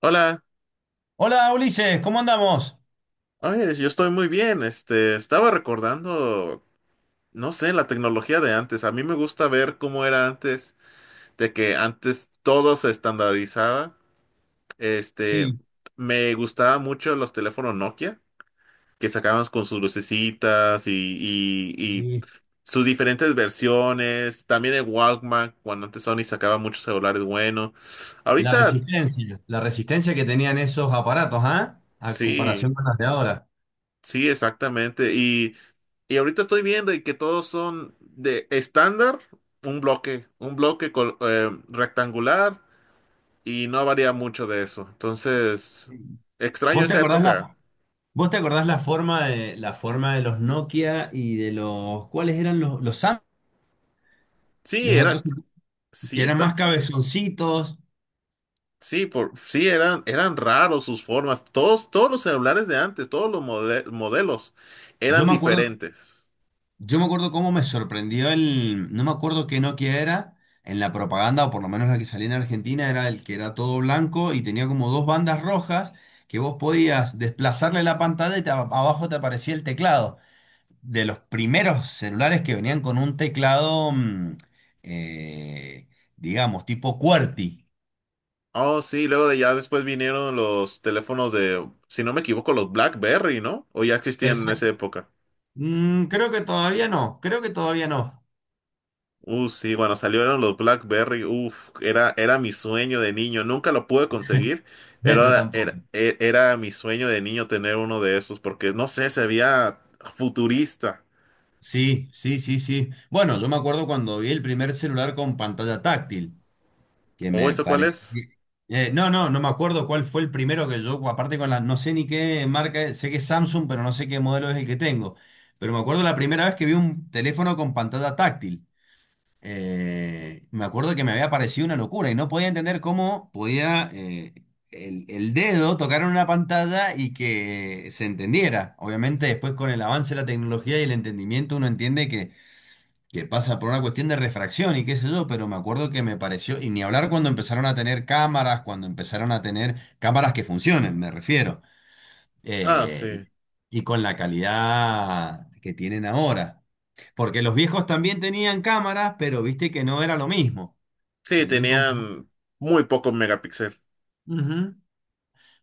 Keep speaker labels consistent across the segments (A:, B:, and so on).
A: Hola,
B: Hola Ulises, ¿cómo andamos?
A: oye, yo estoy muy bien. Estaba recordando, no sé, la tecnología de antes. A mí me gusta ver cómo era antes, de que antes todo se estandarizaba. Este,
B: Sí,
A: me gustaba mucho los teléfonos Nokia, que sacaban con sus lucecitas y
B: sí.
A: sus diferentes versiones. También el Walkman, cuando antes Sony sacaba muchos celulares buenos. Ahorita,
B: La resistencia que tenían esos aparatos, ¿ah? A
A: sí,
B: comparación con las de ahora.
A: sí, exactamente. Y ahorita estoy viendo y que todos son de estándar, un bloque rectangular, y no varía mucho de eso. Entonces, extraño
B: ¿Vos te
A: esa
B: acordás
A: época.
B: la, vos te acordás la forma de los Nokia y ¿cuáles eran los Sam?
A: Sí,
B: Los
A: era,
B: otros que
A: sí
B: eran más
A: está,
B: cabezoncitos.
A: sí eran, eran raros sus formas. Todos los celulares de antes, todos los modelos
B: Yo
A: eran
B: me acuerdo
A: diferentes.
B: Yo me acuerdo cómo me sorprendió no me acuerdo qué Nokia era, en la propaganda, o por lo menos la que salía en Argentina, era el que era todo blanco y tenía como dos bandas rojas que vos podías desplazarle la pantalla y abajo te aparecía el teclado. De los primeros celulares que venían con un teclado, eh, digamos, tipo QWERTY.
A: Oh, sí, luego de ya después vinieron los teléfonos de, si no me equivoco, los BlackBerry, ¿no? O ya existían en esa
B: Exacto.
A: época.
B: Creo que todavía no, creo que todavía no.
A: Sí, cuando salieron los BlackBerry, uff, era mi sueño de niño. Nunca lo pude conseguir, pero
B: Yo tampoco.
A: era mi sueño de niño tener uno de esos, porque no sé, se veía futurista.
B: Sí, sí, sí, sí. Bueno, yo me acuerdo cuando vi el primer celular con pantalla táctil, que
A: ¿O
B: me
A: eso cuál es?
B: parecía. No, no, no me acuerdo cuál fue el primero que yo, aparte no sé ni qué marca, sé que es Samsung, pero no sé qué modelo es el que tengo. Pero me acuerdo la primera vez que vi un teléfono con pantalla táctil. Me acuerdo que me había parecido una locura y no podía entender cómo podía el dedo tocar en una pantalla y que se entendiera. Obviamente después con el avance de la tecnología y el entendimiento uno entiende que pasa por una cuestión de refracción y qué sé yo, pero me acuerdo que me pareció, y ni hablar cuando empezaron a tener cámaras, cuando empezaron a tener cámaras que funcionen, me refiero,
A: Ah,
B: eh,
A: sí.
B: y, y con la calidad que tienen ahora. Porque los viejos también tenían cámaras, pero viste que no era lo mismo.
A: Sí,
B: Salían con.
A: tenían muy poco megapíxel.
B: Ujú.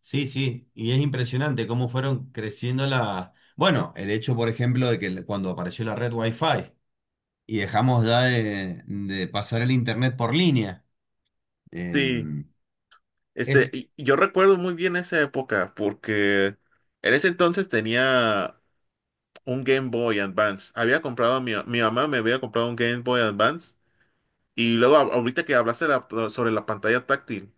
B: Sí, sí, y es impresionante cómo fueron creciendo la. Bueno, el hecho, por ejemplo, de que cuando apareció la red Wi-Fi y dejamos ya de pasar el internet por línea.
A: Sí,
B: Em, es,
A: y yo recuerdo muy bien esa época, porque en ese entonces tenía un Game Boy Advance. Había comprado, mi mamá me había comprado un Game Boy Advance. Y luego ahorita que hablaste sobre la pantalla táctil,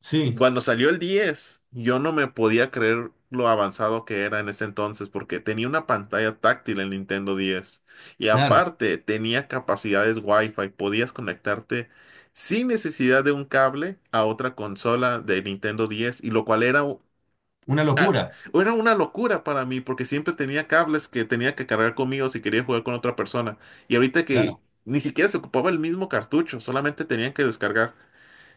B: Sí,
A: cuando salió el 10, yo no me podía creer lo avanzado que era en ese entonces, porque tenía una pantalla táctil el Nintendo 10. Y
B: claro,
A: aparte tenía capacidades Wi-Fi, podías conectarte sin necesidad de un cable a otra consola de Nintendo 10, y lo cual era
B: una
A: ah,
B: locura,
A: era una locura para mí porque siempre tenía cables que tenía que cargar conmigo si quería jugar con otra persona. Y ahorita que
B: claro,
A: ni siquiera se ocupaba el mismo cartucho, solamente tenían que descargar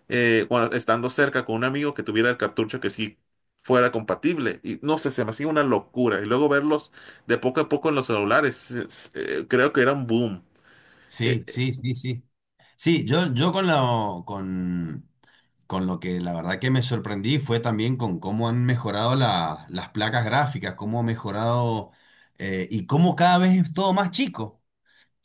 A: estando cerca con un amigo que tuviera el cartucho que sí fuera compatible. Y no sé, se me hacía una locura. Y luego verlos de poco a poco en los celulares, creo que era un boom. Eh,
B: sí,
A: eh,
B: sí, sí, sí. Sí, yo con lo que la verdad que me sorprendí fue también con cómo han mejorado las placas gráficas, cómo ha mejorado y cómo cada vez es todo más chico,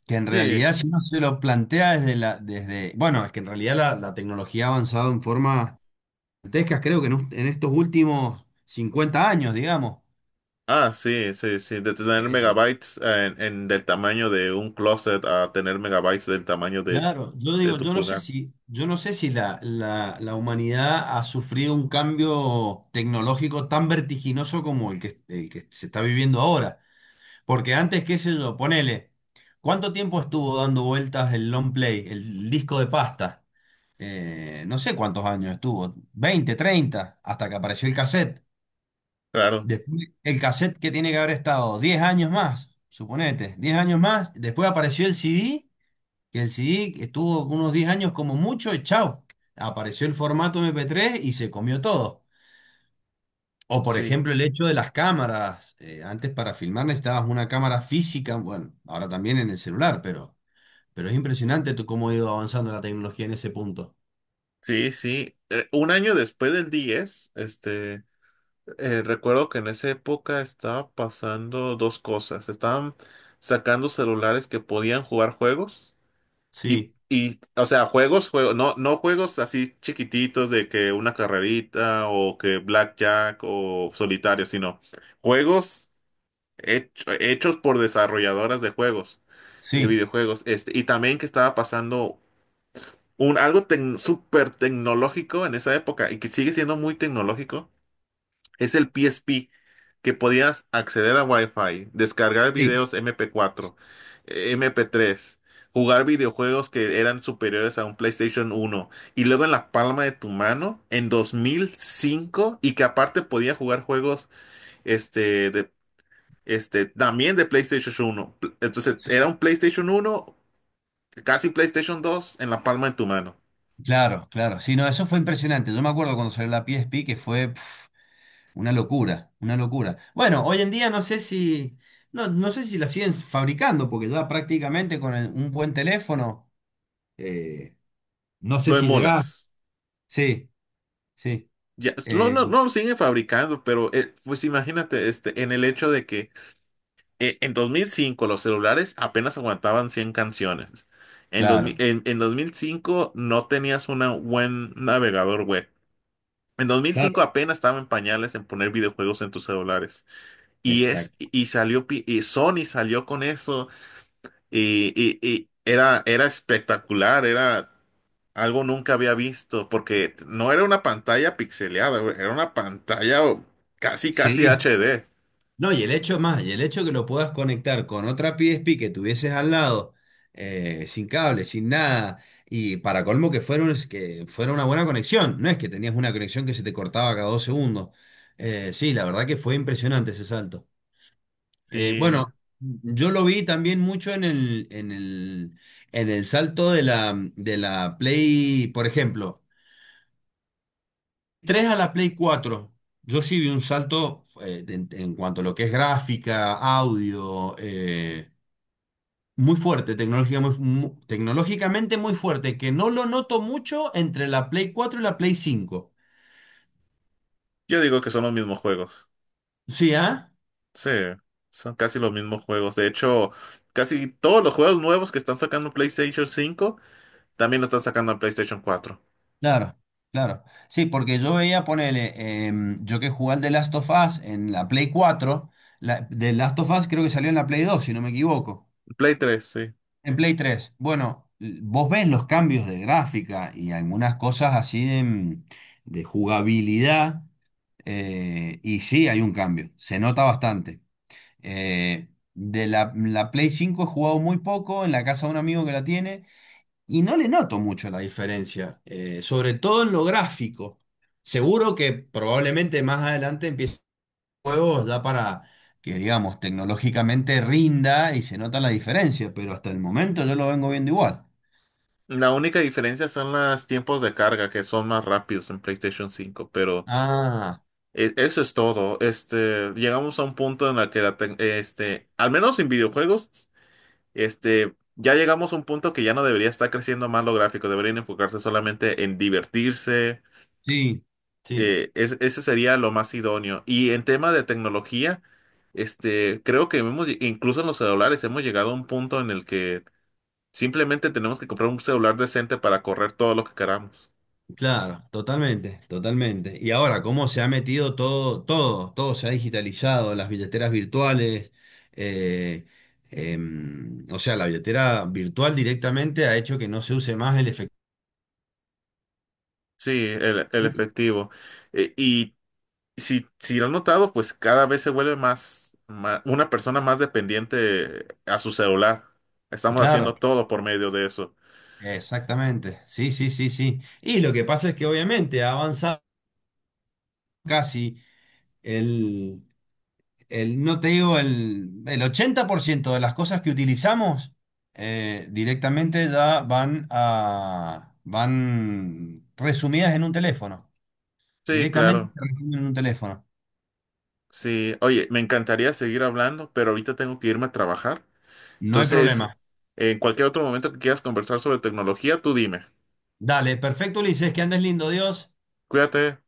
B: que en
A: sí,
B: realidad si uno se lo plantea bueno, es que en realidad la tecnología ha avanzado en forma gigantesca, creo que en estos últimos 50 años, digamos.
A: ah, sí, sí, sí, de tener megabytes del tamaño de un closet a tener megabytes del tamaño de
B: Claro, yo digo,
A: tu
B: yo no sé
A: pulgar.
B: si, yo no sé si la humanidad ha sufrido un cambio tecnológico tan vertiginoso como el que se está viviendo ahora. Porque antes, qué sé yo, ponele, ¿cuánto tiempo estuvo dando vueltas el long play, el disco de pasta? No sé cuántos años estuvo, 20, 30, hasta que apareció el cassette.
A: Claro.
B: Después, el cassette que tiene que haber estado 10 años más, suponete, 10 años más, después apareció el CD que el CD estuvo unos 10 años como mucho y chao. Apareció el formato MP3 y se comió todo. O por
A: Sí.
B: ejemplo el hecho de las cámaras. Antes para filmar necesitabas una cámara física, bueno, ahora también en el celular, pero, es impresionante tú cómo ha ido avanzando la tecnología en ese punto.
A: Sí, sí. Un año después del 10, recuerdo que en esa época estaba pasando dos cosas. Estaban sacando celulares que podían jugar juegos
B: Sí,
A: o sea, juegos, juegos, no, no juegos así chiquititos de que una carrerita o que blackjack o solitario, sino juegos hechos por desarrolladoras de juegos, de
B: sí,
A: videojuegos. Este, y también que estaba pasando algo súper tecnológico en esa época y que sigue siendo muy tecnológico es el PSP, que podías acceder a Wi-Fi, descargar
B: sí.
A: videos MP4, MP3, jugar videojuegos que eran superiores a un PlayStation uno y luego en la palma de tu mano en 2005, y que aparte podía jugar juegos este, de, este, también de entonces
B: Sí.
A: era un PlayStation uno casi PlayStation dos en la palma de tu mano.
B: Claro, claro. Sí, no, eso fue impresionante. Yo me acuerdo cuando salió la PSP que fue. Una locura, una locura. Bueno, hoy en día no sé si, no, no sé si la siguen fabricando, porque ya prácticamente con un buen teléfono, eh, no sé
A: Lo
B: si llegás.
A: emulas.
B: Sí, sí,
A: Ya, no,
B: eh,
A: no, no lo siguen fabricando, pero pues imagínate, este, en el hecho de que en 2005 los celulares apenas aguantaban 100 canciones. En, 2000
B: claro,
A: en, En 2005 no tenías un buen navegador web. En
B: claro,
A: 2005 apenas estaba en pañales en poner videojuegos en tus celulares.
B: exacto.
A: Y salió, y Sony salió con eso y, y era, era espectacular, era algo nunca había visto, porque no era una pantalla pixeleada, güey, era una pantalla casi, casi
B: Sí,
A: HD.
B: no, y y el hecho que lo puedas conectar con otra PSP que tuvieses al lado, sin cable, sin nada, y para colmo que fuera, que fuera una buena conexión, no es que tenías una conexión que se te cortaba cada 2 segundos. Sí, la verdad que fue impresionante ese salto. Eh,
A: Sí,
B: bueno, yo lo vi también mucho en el salto de la Play, por ejemplo 3 a la Play cuatro, yo sí vi un salto en cuanto a lo que es gráfica, audio, muy fuerte, tecnología tecnológicamente muy fuerte, que no lo noto mucho entre la Play 4 y la Play cinco.
A: yo digo que son los mismos juegos.
B: Sí, ¿ah?
A: Sí, son casi los mismos juegos. De hecho, casi todos los juegos nuevos que están sacando PlayStation cinco también lo están sacando en PlayStation cuatro.
B: Claro, claro. Sí, porque yo veía, ponele, yo que jugué al The Last of Us en la Play cuatro. The Last of Us creo que salió en la Play 2 si no me equivoco.
A: Play tres sí.
B: En Play 3, bueno, vos ves los cambios de gráfica y algunas cosas así de jugabilidad, y sí hay un cambio, se nota bastante. De la Play 5 he jugado muy poco en la casa de un amigo que la tiene y no le noto mucho la diferencia, sobre todo en lo gráfico. Seguro que probablemente más adelante empiece juegos ya para que, digamos, tecnológicamente rinda y se nota la diferencia, pero hasta el momento yo lo vengo viendo igual.
A: La única diferencia son los tiempos de carga, que son más rápidos en PlayStation cinco, pero...
B: Ah,
A: Eso es todo. Este, llegamos a un punto en el que la al menos en videojuegos, este, ya llegamos a un punto que ya no debería estar creciendo más lo gráfico, deberían enfocarse solamente en divertirse.
B: sí, sí,
A: Ese sería lo más idóneo. Y en tema de tecnología, este, creo que hemos, incluso en los celulares hemos llegado a un punto en el que simplemente tenemos que comprar un celular decente para correr todo lo que queramos.
B: claro, totalmente, totalmente. Y ahora, cómo se ha metido todo, todo, todo se ha digitalizado, las billeteras virtuales, eh, o sea, la billetera virtual directamente ha hecho que no se use más el efectivo.
A: Sí, el efectivo. Eh, y Si, si lo has notado, pues cada vez se vuelve una persona más dependiente a su celular. Estamos
B: Claro,
A: haciendo todo por medio de eso.
B: exactamente, sí, sí, sí, sí. Y lo que pasa es que obviamente ha avanzado casi. El, no te digo, el 80% de las cosas que utilizamos directamente ya van resumidas en un teléfono.
A: Sí,
B: Directamente
A: claro.
B: se resumen en un teléfono.
A: Sí, oye, me encantaría seguir hablando, pero ahorita tengo que irme a trabajar.
B: No hay
A: Entonces,
B: problema.
A: en cualquier otro momento que quieras conversar sobre tecnología, tú dime.
B: Dale, perfecto, Ulises, que andes lindo, Dios.
A: Cuídate.